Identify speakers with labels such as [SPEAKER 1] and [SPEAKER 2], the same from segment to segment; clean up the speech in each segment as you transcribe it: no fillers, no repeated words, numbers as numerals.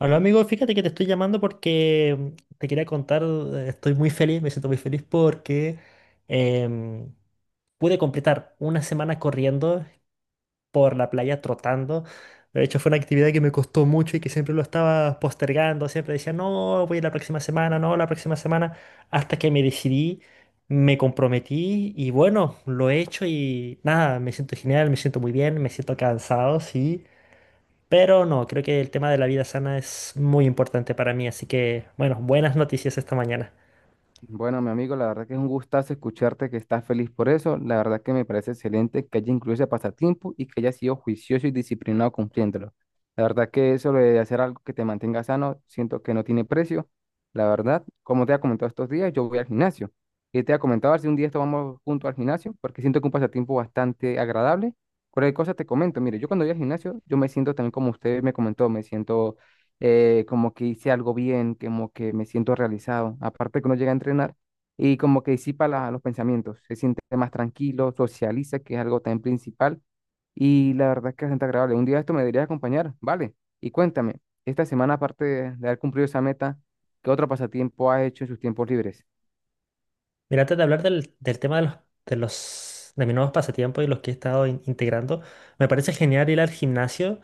[SPEAKER 1] Hola amigo, fíjate que te estoy llamando porque te quería contar, estoy muy feliz, me siento muy feliz porque em, pude completar una semana corriendo por la playa, trotando. De hecho, fue una actividad que me costó mucho y que siempre lo estaba postergando, siempre decía, no, voy la próxima semana, no, la próxima semana, hasta que me decidí, me comprometí y bueno, lo he hecho y nada, me siento genial, me siento muy bien, me siento cansado, sí. Pero no, creo que el tema de la vida sana es muy importante para mí, así que, bueno, buenas noticias esta mañana.
[SPEAKER 2] Bueno, mi amigo, la verdad que es un gustazo escucharte que estás feliz por eso. La verdad que me parece excelente que haya incluido ese pasatiempo y que haya sido juicioso y disciplinado cumpliéndolo. La verdad que eso de hacer algo que te mantenga sano, siento que no tiene precio. La verdad, como te ha comentado estos días, yo voy al gimnasio. Y te ha comentado a ver si un día esto vamos juntos al gimnasio, porque siento que un pasatiempo bastante agradable. Cualquier cosa te comento. Mire, yo cuando voy al gimnasio, yo me siento también como usted me comentó, me siento como que hice algo bien, como que me siento realizado. Aparte que uno llega a entrenar y como que disipa los pensamientos, se siente más tranquilo, socializa, que es algo tan principal. Y la verdad es que es bastante agradable. Un día esto me deberías acompañar, ¿vale? Y cuéntame, esta semana, aparte de haber cumplido esa meta, ¿qué otro pasatiempo has hecho en sus tiempos libres?
[SPEAKER 1] Mira, antes de hablar del tema de de mis nuevos pasatiempos y los que he estado integrando, me parece genial ir al gimnasio.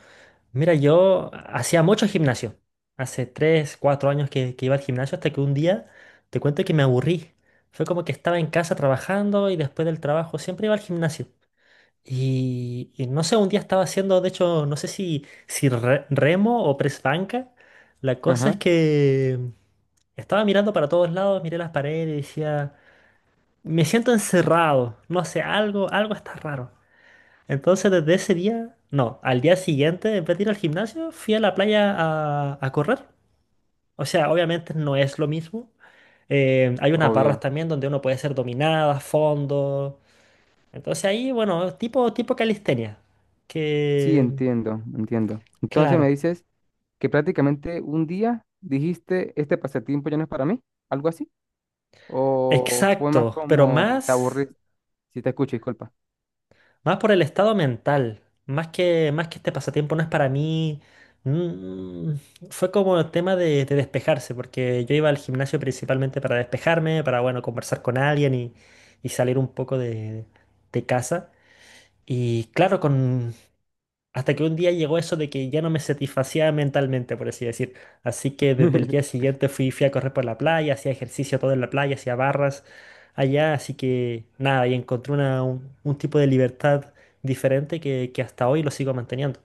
[SPEAKER 1] Mira, yo hacía mucho gimnasio, hace 3 4 años que iba al gimnasio, hasta que un día te cuento que me aburrí. Fue como que estaba en casa trabajando y después del trabajo siempre iba al gimnasio. Y no sé, un día estaba haciendo, de hecho, no sé si remo o press banca. La cosa es
[SPEAKER 2] Ajá.
[SPEAKER 1] que estaba mirando para todos lados, miré las paredes y decía, me siento encerrado, no sé, algo, algo está raro. Entonces desde ese día, no, al día siguiente, en vez de ir al gimnasio, fui a la playa a correr. O sea, obviamente no es lo mismo. Hay unas barras
[SPEAKER 2] Obvio.
[SPEAKER 1] también donde uno puede ser dominada, fondo. Entonces ahí, bueno, tipo, tipo calistenia
[SPEAKER 2] Sí,
[SPEAKER 1] que
[SPEAKER 2] entiendo, entiendo. Entonces me
[SPEAKER 1] claro,
[SPEAKER 2] dices que prácticamente un día dijiste, este pasatiempo ya no es para mí, algo así. ¿O fue más
[SPEAKER 1] exacto, pero
[SPEAKER 2] como te
[SPEAKER 1] más,
[SPEAKER 2] aburriste? Si te escucho, disculpa.
[SPEAKER 1] más por el estado mental, más que este pasatiempo no es para mí, mm, fue como el tema de despejarse, porque yo iba al gimnasio principalmente para despejarme, para, bueno, conversar con alguien y salir un poco de casa. Y claro, con, hasta que un día llegó eso de que ya no me satisfacía mentalmente, por así decir. Así que desde el día siguiente fui, fui a correr por la playa, hacía ejercicio todo en la playa, hacía barras allá. Así que nada, y encontré un tipo de libertad diferente que hasta hoy lo sigo manteniendo.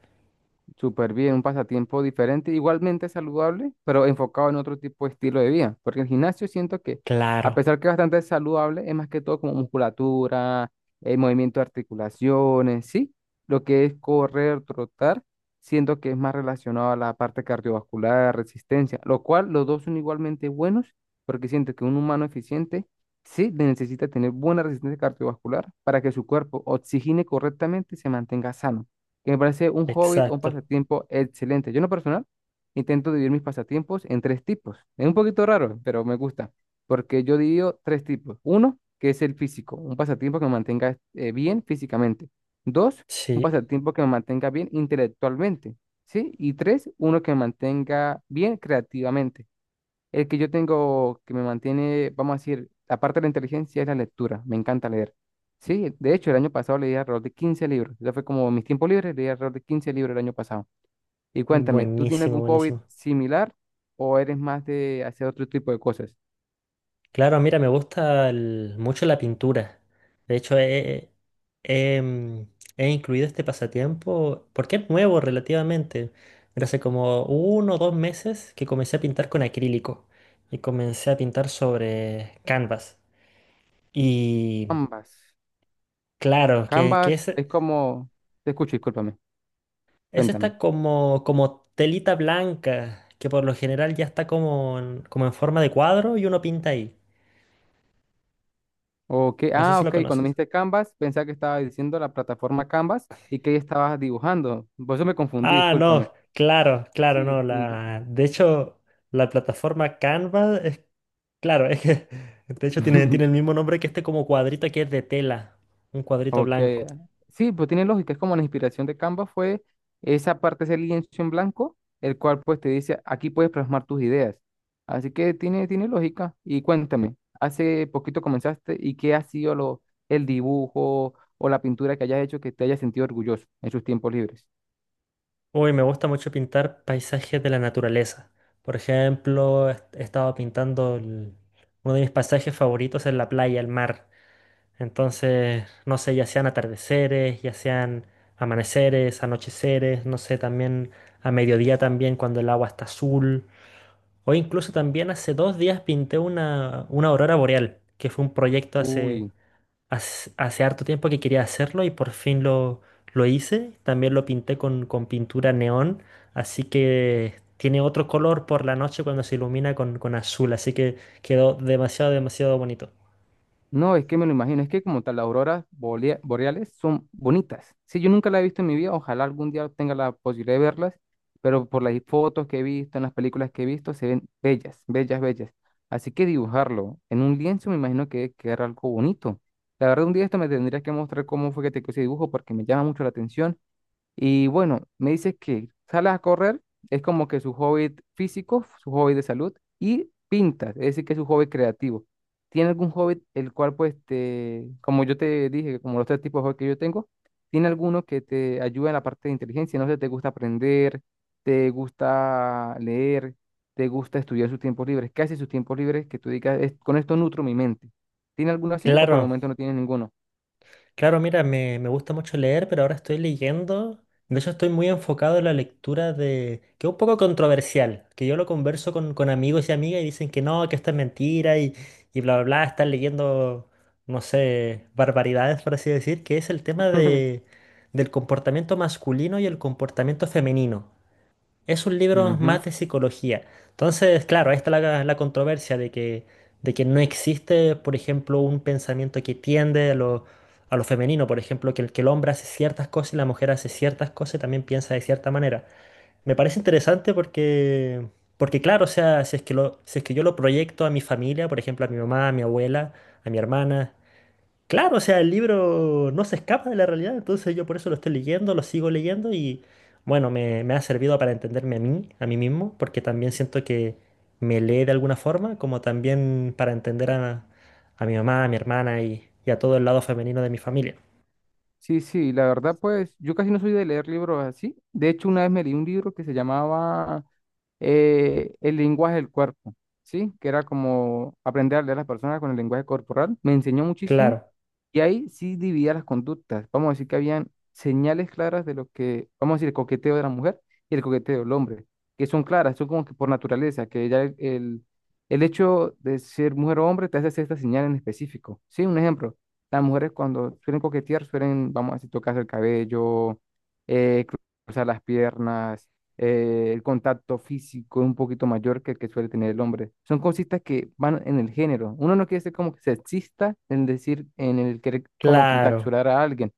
[SPEAKER 2] Súper bien, un pasatiempo diferente, igualmente saludable, pero enfocado en otro tipo de estilo de vida. Porque el gimnasio siento que, a
[SPEAKER 1] Claro.
[SPEAKER 2] pesar que es bastante saludable, es más que todo como musculatura, el movimiento de articulaciones, ¿sí? Lo que es correr, trotar, siento que es más relacionado a la parte cardiovascular, resistencia, lo cual los dos son igualmente buenos, porque siento que un humano eficiente, sí, necesita tener buena resistencia cardiovascular para que su cuerpo oxigene correctamente y se mantenga sano que me parece un hobby o un
[SPEAKER 1] Exacto.
[SPEAKER 2] pasatiempo excelente. Yo en lo personal intento dividir mis pasatiempos en tres tipos. Es un poquito raro, pero me gusta, porque yo divido tres tipos. Uno, que es el físico, un pasatiempo que me mantenga bien físicamente. Dos, un
[SPEAKER 1] Sí,
[SPEAKER 2] pasatiempo que me mantenga bien intelectualmente, ¿sí? Y tres, uno que me mantenga bien creativamente. El que yo tengo que me mantiene, vamos a decir, aparte de la inteligencia, es la lectura. Me encanta leer. Sí, de hecho, el año pasado leí alrededor de 15 libros. Ya fue como mis tiempos libres, leí alrededor de 15 libros el año pasado. Y cuéntame, ¿tú tienes
[SPEAKER 1] buenísimo,
[SPEAKER 2] algún hobby
[SPEAKER 1] buenísimo.
[SPEAKER 2] similar o eres más de hacer otro tipo de cosas?
[SPEAKER 1] Claro, mira, me gusta mucho la pintura. De hecho, he, mm, he incluido este pasatiempo porque es nuevo relativamente. Pero hace como uno o dos meses que comencé a pintar con acrílico y comencé a pintar sobre canvas. Y
[SPEAKER 2] Canvas.
[SPEAKER 1] claro, que
[SPEAKER 2] Canvas es como... Te escucho, discúlpame.
[SPEAKER 1] es
[SPEAKER 2] Cuéntame.
[SPEAKER 1] esta como, como telita blanca que por lo general ya está como en, como en forma de cuadro y uno pinta ahí.
[SPEAKER 2] Ok,
[SPEAKER 1] No sé
[SPEAKER 2] ah,
[SPEAKER 1] si lo
[SPEAKER 2] ok, cuando me
[SPEAKER 1] conoces.
[SPEAKER 2] dijiste Canvas, pensaba que estaba diciendo la plataforma Canvas y que ahí estabas dibujando. Por eso me confundí,
[SPEAKER 1] Ah,
[SPEAKER 2] discúlpame.
[SPEAKER 1] no, claro, claro,
[SPEAKER 2] Sí,
[SPEAKER 1] no.
[SPEAKER 2] sí. yo-
[SPEAKER 1] La, de hecho, la plataforma Canva es, claro, es que, de hecho, tiene, tiene el mismo nombre que este como cuadrito que es de tela, un cuadrito
[SPEAKER 2] Ok,
[SPEAKER 1] blanco.
[SPEAKER 2] sí, pues tiene lógica, es como la inspiración de Canva fue esa parte, ese lienzo en blanco, el cual pues te dice, aquí puedes plasmar tus ideas. Así que tiene, tiene lógica. Y cuéntame, hace poquito comenzaste y qué ha sido lo, el dibujo o la pintura que hayas hecho que te hayas sentido orgulloso en sus tiempos libres.
[SPEAKER 1] Uy, me gusta mucho pintar paisajes de la naturaleza. Por ejemplo, he estado pintando uno de mis paisajes favoritos es la playa, el mar. Entonces, no sé, ya sean atardeceres, ya sean amaneceres, anocheceres, no sé, también a mediodía también cuando el agua está azul. O incluso también hace dos días pinté una aurora boreal, que fue un proyecto hace,
[SPEAKER 2] Uy.
[SPEAKER 1] hace harto tiempo que quería hacerlo y por fin lo hice. También lo pinté con pintura neón, así que tiene otro color por la noche cuando se ilumina con azul, así que quedó demasiado, demasiado bonito.
[SPEAKER 2] No, es que me lo imagino, es que como tal, las boreales son bonitas. Sí, yo nunca las he visto en mi vida, ojalá algún día tenga la posibilidad de verlas, pero por las fotos que he visto, en las películas que he visto, se ven bellas, bellas, bellas. Así que dibujarlo en un lienzo me imagino que era algo bonito. La verdad, un día esto me tendrías que mostrar cómo fue que te quedó ese dibujo porque me llama mucho la atención y bueno, me dices que sales a correr, es como que su hobby físico, su hobby de salud, y pintas, es decir, que es su hobby creativo. ¿Tiene algún hobby el cual, pues, te, como yo te dije, como los tres tipos de hobby que yo tengo, tiene alguno que te ayuda en la parte de inteligencia? No sé, ¿te gusta aprender? ¿Te gusta leer? ¿Te gusta estudiar sus tiempos libres? ¿Qué hace sus tiempos libres que tú digas, "Es- con esto nutro mi mente? ¿Tiene alguno así o por el
[SPEAKER 1] Claro,
[SPEAKER 2] momento no tiene ninguno?
[SPEAKER 1] claro, mira, me gusta mucho leer, pero ahora estoy leyendo. De hecho, estoy muy enfocado en la lectura de... que es un poco controversial, que yo lo converso con amigos y amigas y dicen que no, que esto es mentira y bla, bla, bla, están leyendo, no sé, barbaridades, por así decir, que es el tema de, del comportamiento masculino y el comportamiento femenino. Es un libro
[SPEAKER 2] Ujú.
[SPEAKER 1] más de psicología. Entonces, claro, ahí está la, la controversia de que no existe, por ejemplo, un pensamiento que tiende a lo femenino, por ejemplo, que el hombre hace ciertas cosas y la mujer hace ciertas cosas y también piensa de cierta manera. Me parece interesante porque, porque claro, o sea, si es que lo, si es que yo lo proyecto a mi familia, por ejemplo, a mi mamá, a mi abuela, a mi hermana, claro, o sea, el libro no se escapa de la realidad, entonces yo por eso lo estoy leyendo, lo sigo leyendo y bueno, me ha servido para entenderme a mí mismo, porque también siento que me lee de alguna forma, como también para entender a mi mamá, a mi hermana y a todo el lado femenino de mi familia.
[SPEAKER 2] Sí, sí, la verdad, pues yo casi no soy de leer libros así. De hecho, una vez me leí un libro que se llamaba El lenguaje del cuerpo, ¿sí? Que era como aprender a leer a las personas con el lenguaje corporal. Me enseñó muchísimo.
[SPEAKER 1] Claro,
[SPEAKER 2] Y ahí sí dividía las conductas. Vamos a decir que habían señales claras de lo que, vamos a decir, el coqueteo de la mujer y el coqueteo del hombre, que son claras, son como que por naturaleza, que ya el hecho de ser mujer o hombre te hace hacer esta señal en específico. Sí, un ejemplo, las mujeres cuando suelen coquetear suelen, vamos a decir, tocarse el cabello, eh, cruzar las piernas, el contacto físico es un poquito mayor que el que suele tener el hombre. Son cositas que van en el género. Uno no quiere ser como que sexista en decir, en el querer como que
[SPEAKER 1] claro,
[SPEAKER 2] encapsular a alguien,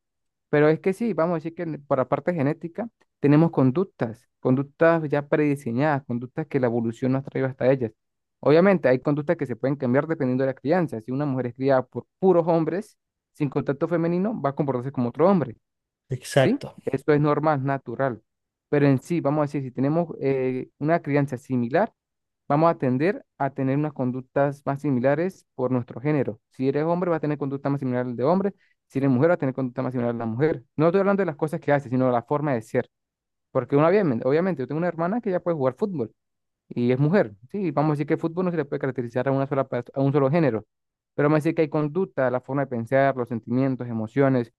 [SPEAKER 2] pero es que sí, vamos a decir que por la parte genética tenemos conductas, conductas ya prediseñadas, conductas que la evolución nos ha traído hasta ellas. Obviamente hay conductas que se pueden cambiar dependiendo de la crianza. Si una mujer es criada por puros hombres, sin contacto femenino, va a comportarse como otro hombre. ¿Sí?
[SPEAKER 1] exacto,
[SPEAKER 2] Esto es normal, natural. Pero en sí, vamos a decir, si tenemos una crianza similar, vamos a tender a tener unas conductas más similares por nuestro género. Si eres hombre, vas a tener conducta más similar al de hombre. Si eres mujer, vas a tener conducta más similar a la mujer. No estoy hablando de las cosas que hace, sino de la forma de ser. Porque una, obviamente, obviamente, yo tengo una hermana que ya puede jugar fútbol y es mujer. Sí, vamos a decir que el fútbol no se le puede caracterizar a una sola, a un solo género. Pero vamos a decir que hay conducta, la forma de pensar, los sentimientos, emociones,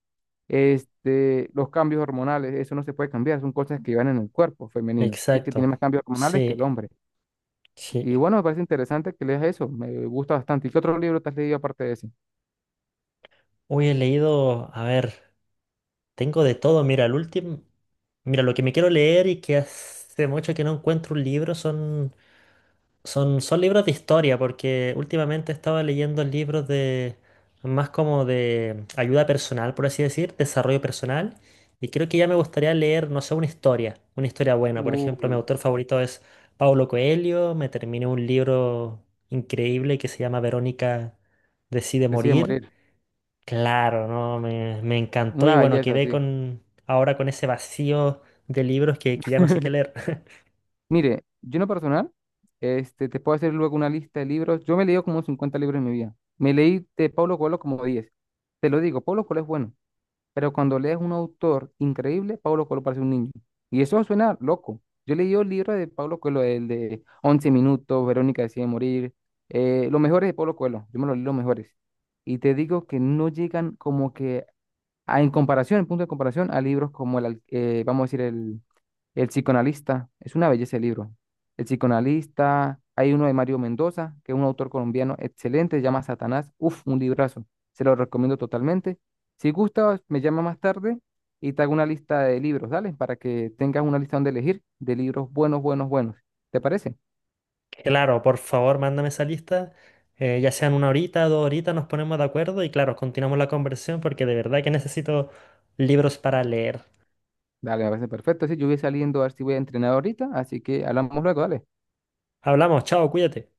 [SPEAKER 2] este, los cambios hormonales, eso no se puede cambiar, son cosas que van en el cuerpo femenino, sí, que tiene
[SPEAKER 1] exacto.
[SPEAKER 2] más cambios hormonales que
[SPEAKER 1] Sí,
[SPEAKER 2] el hombre.
[SPEAKER 1] sí.
[SPEAKER 2] Y bueno, me parece interesante que leas eso, me gusta bastante. ¿Y qué otro libro te has leído aparte de ese?
[SPEAKER 1] Hoy he leído, a ver, tengo de todo, mira, el último, mira, lo que me quiero leer y que hace mucho que no encuentro un libro son... Son libros de historia, porque últimamente estaba leyendo libros de más como de ayuda personal, por así decir, desarrollo personal. Y creo que ya me gustaría leer, no sé, una historia buena. Por ejemplo, mi
[SPEAKER 2] Uy,
[SPEAKER 1] autor favorito es Paulo Coelho. Me terminé un libro increíble que se llama Verónica decide
[SPEAKER 2] decide
[SPEAKER 1] morir.
[SPEAKER 2] morir,
[SPEAKER 1] Claro, no, me encantó y
[SPEAKER 2] una
[SPEAKER 1] bueno,
[SPEAKER 2] belleza,
[SPEAKER 1] quedé
[SPEAKER 2] sí.
[SPEAKER 1] con ahora con ese vacío de libros que ya no sé qué leer.
[SPEAKER 2] Mire, yo en lo personal, este, te puedo hacer luego una lista de libros. Yo me he leído como 50 libros en mi vida. Me leí de Pablo Coelho como 10. Te lo digo, Pablo Coelho es bueno. Pero cuando lees un autor increíble, Pablo Coelho parece un niño. Y eso suena loco. Yo leí el libro de Pablo Coelho, el de once minutos, Verónica decide morir, los mejores de Pablo Coelho. Yo me los leí los mejores. Y te digo que no llegan como que en comparación, en punto de comparación, a libros como vamos a decir, el psicoanalista, es una belleza el libro. El psicoanalista, hay uno de Mario Mendoza, que es un autor colombiano excelente, se llama Satanás. Uf, un librazo. Se lo recomiendo totalmente. Si gustas, me llama más tarde y te hago una lista de libros, dale, para que tengas una lista donde elegir de libros buenos, buenos, buenos. ¿Te parece?
[SPEAKER 1] Claro, por favor, mándame esa lista. Eh, ya sean una horita, dos horitas, nos ponemos de acuerdo y claro, continuamos la conversación porque de verdad que necesito libros para leer.
[SPEAKER 2] Dale, me parece perfecto. Sí, yo voy saliendo a ver si voy a entrenar ahorita, así que hablamos luego, dale.
[SPEAKER 1] Hablamos, chao, cuídate.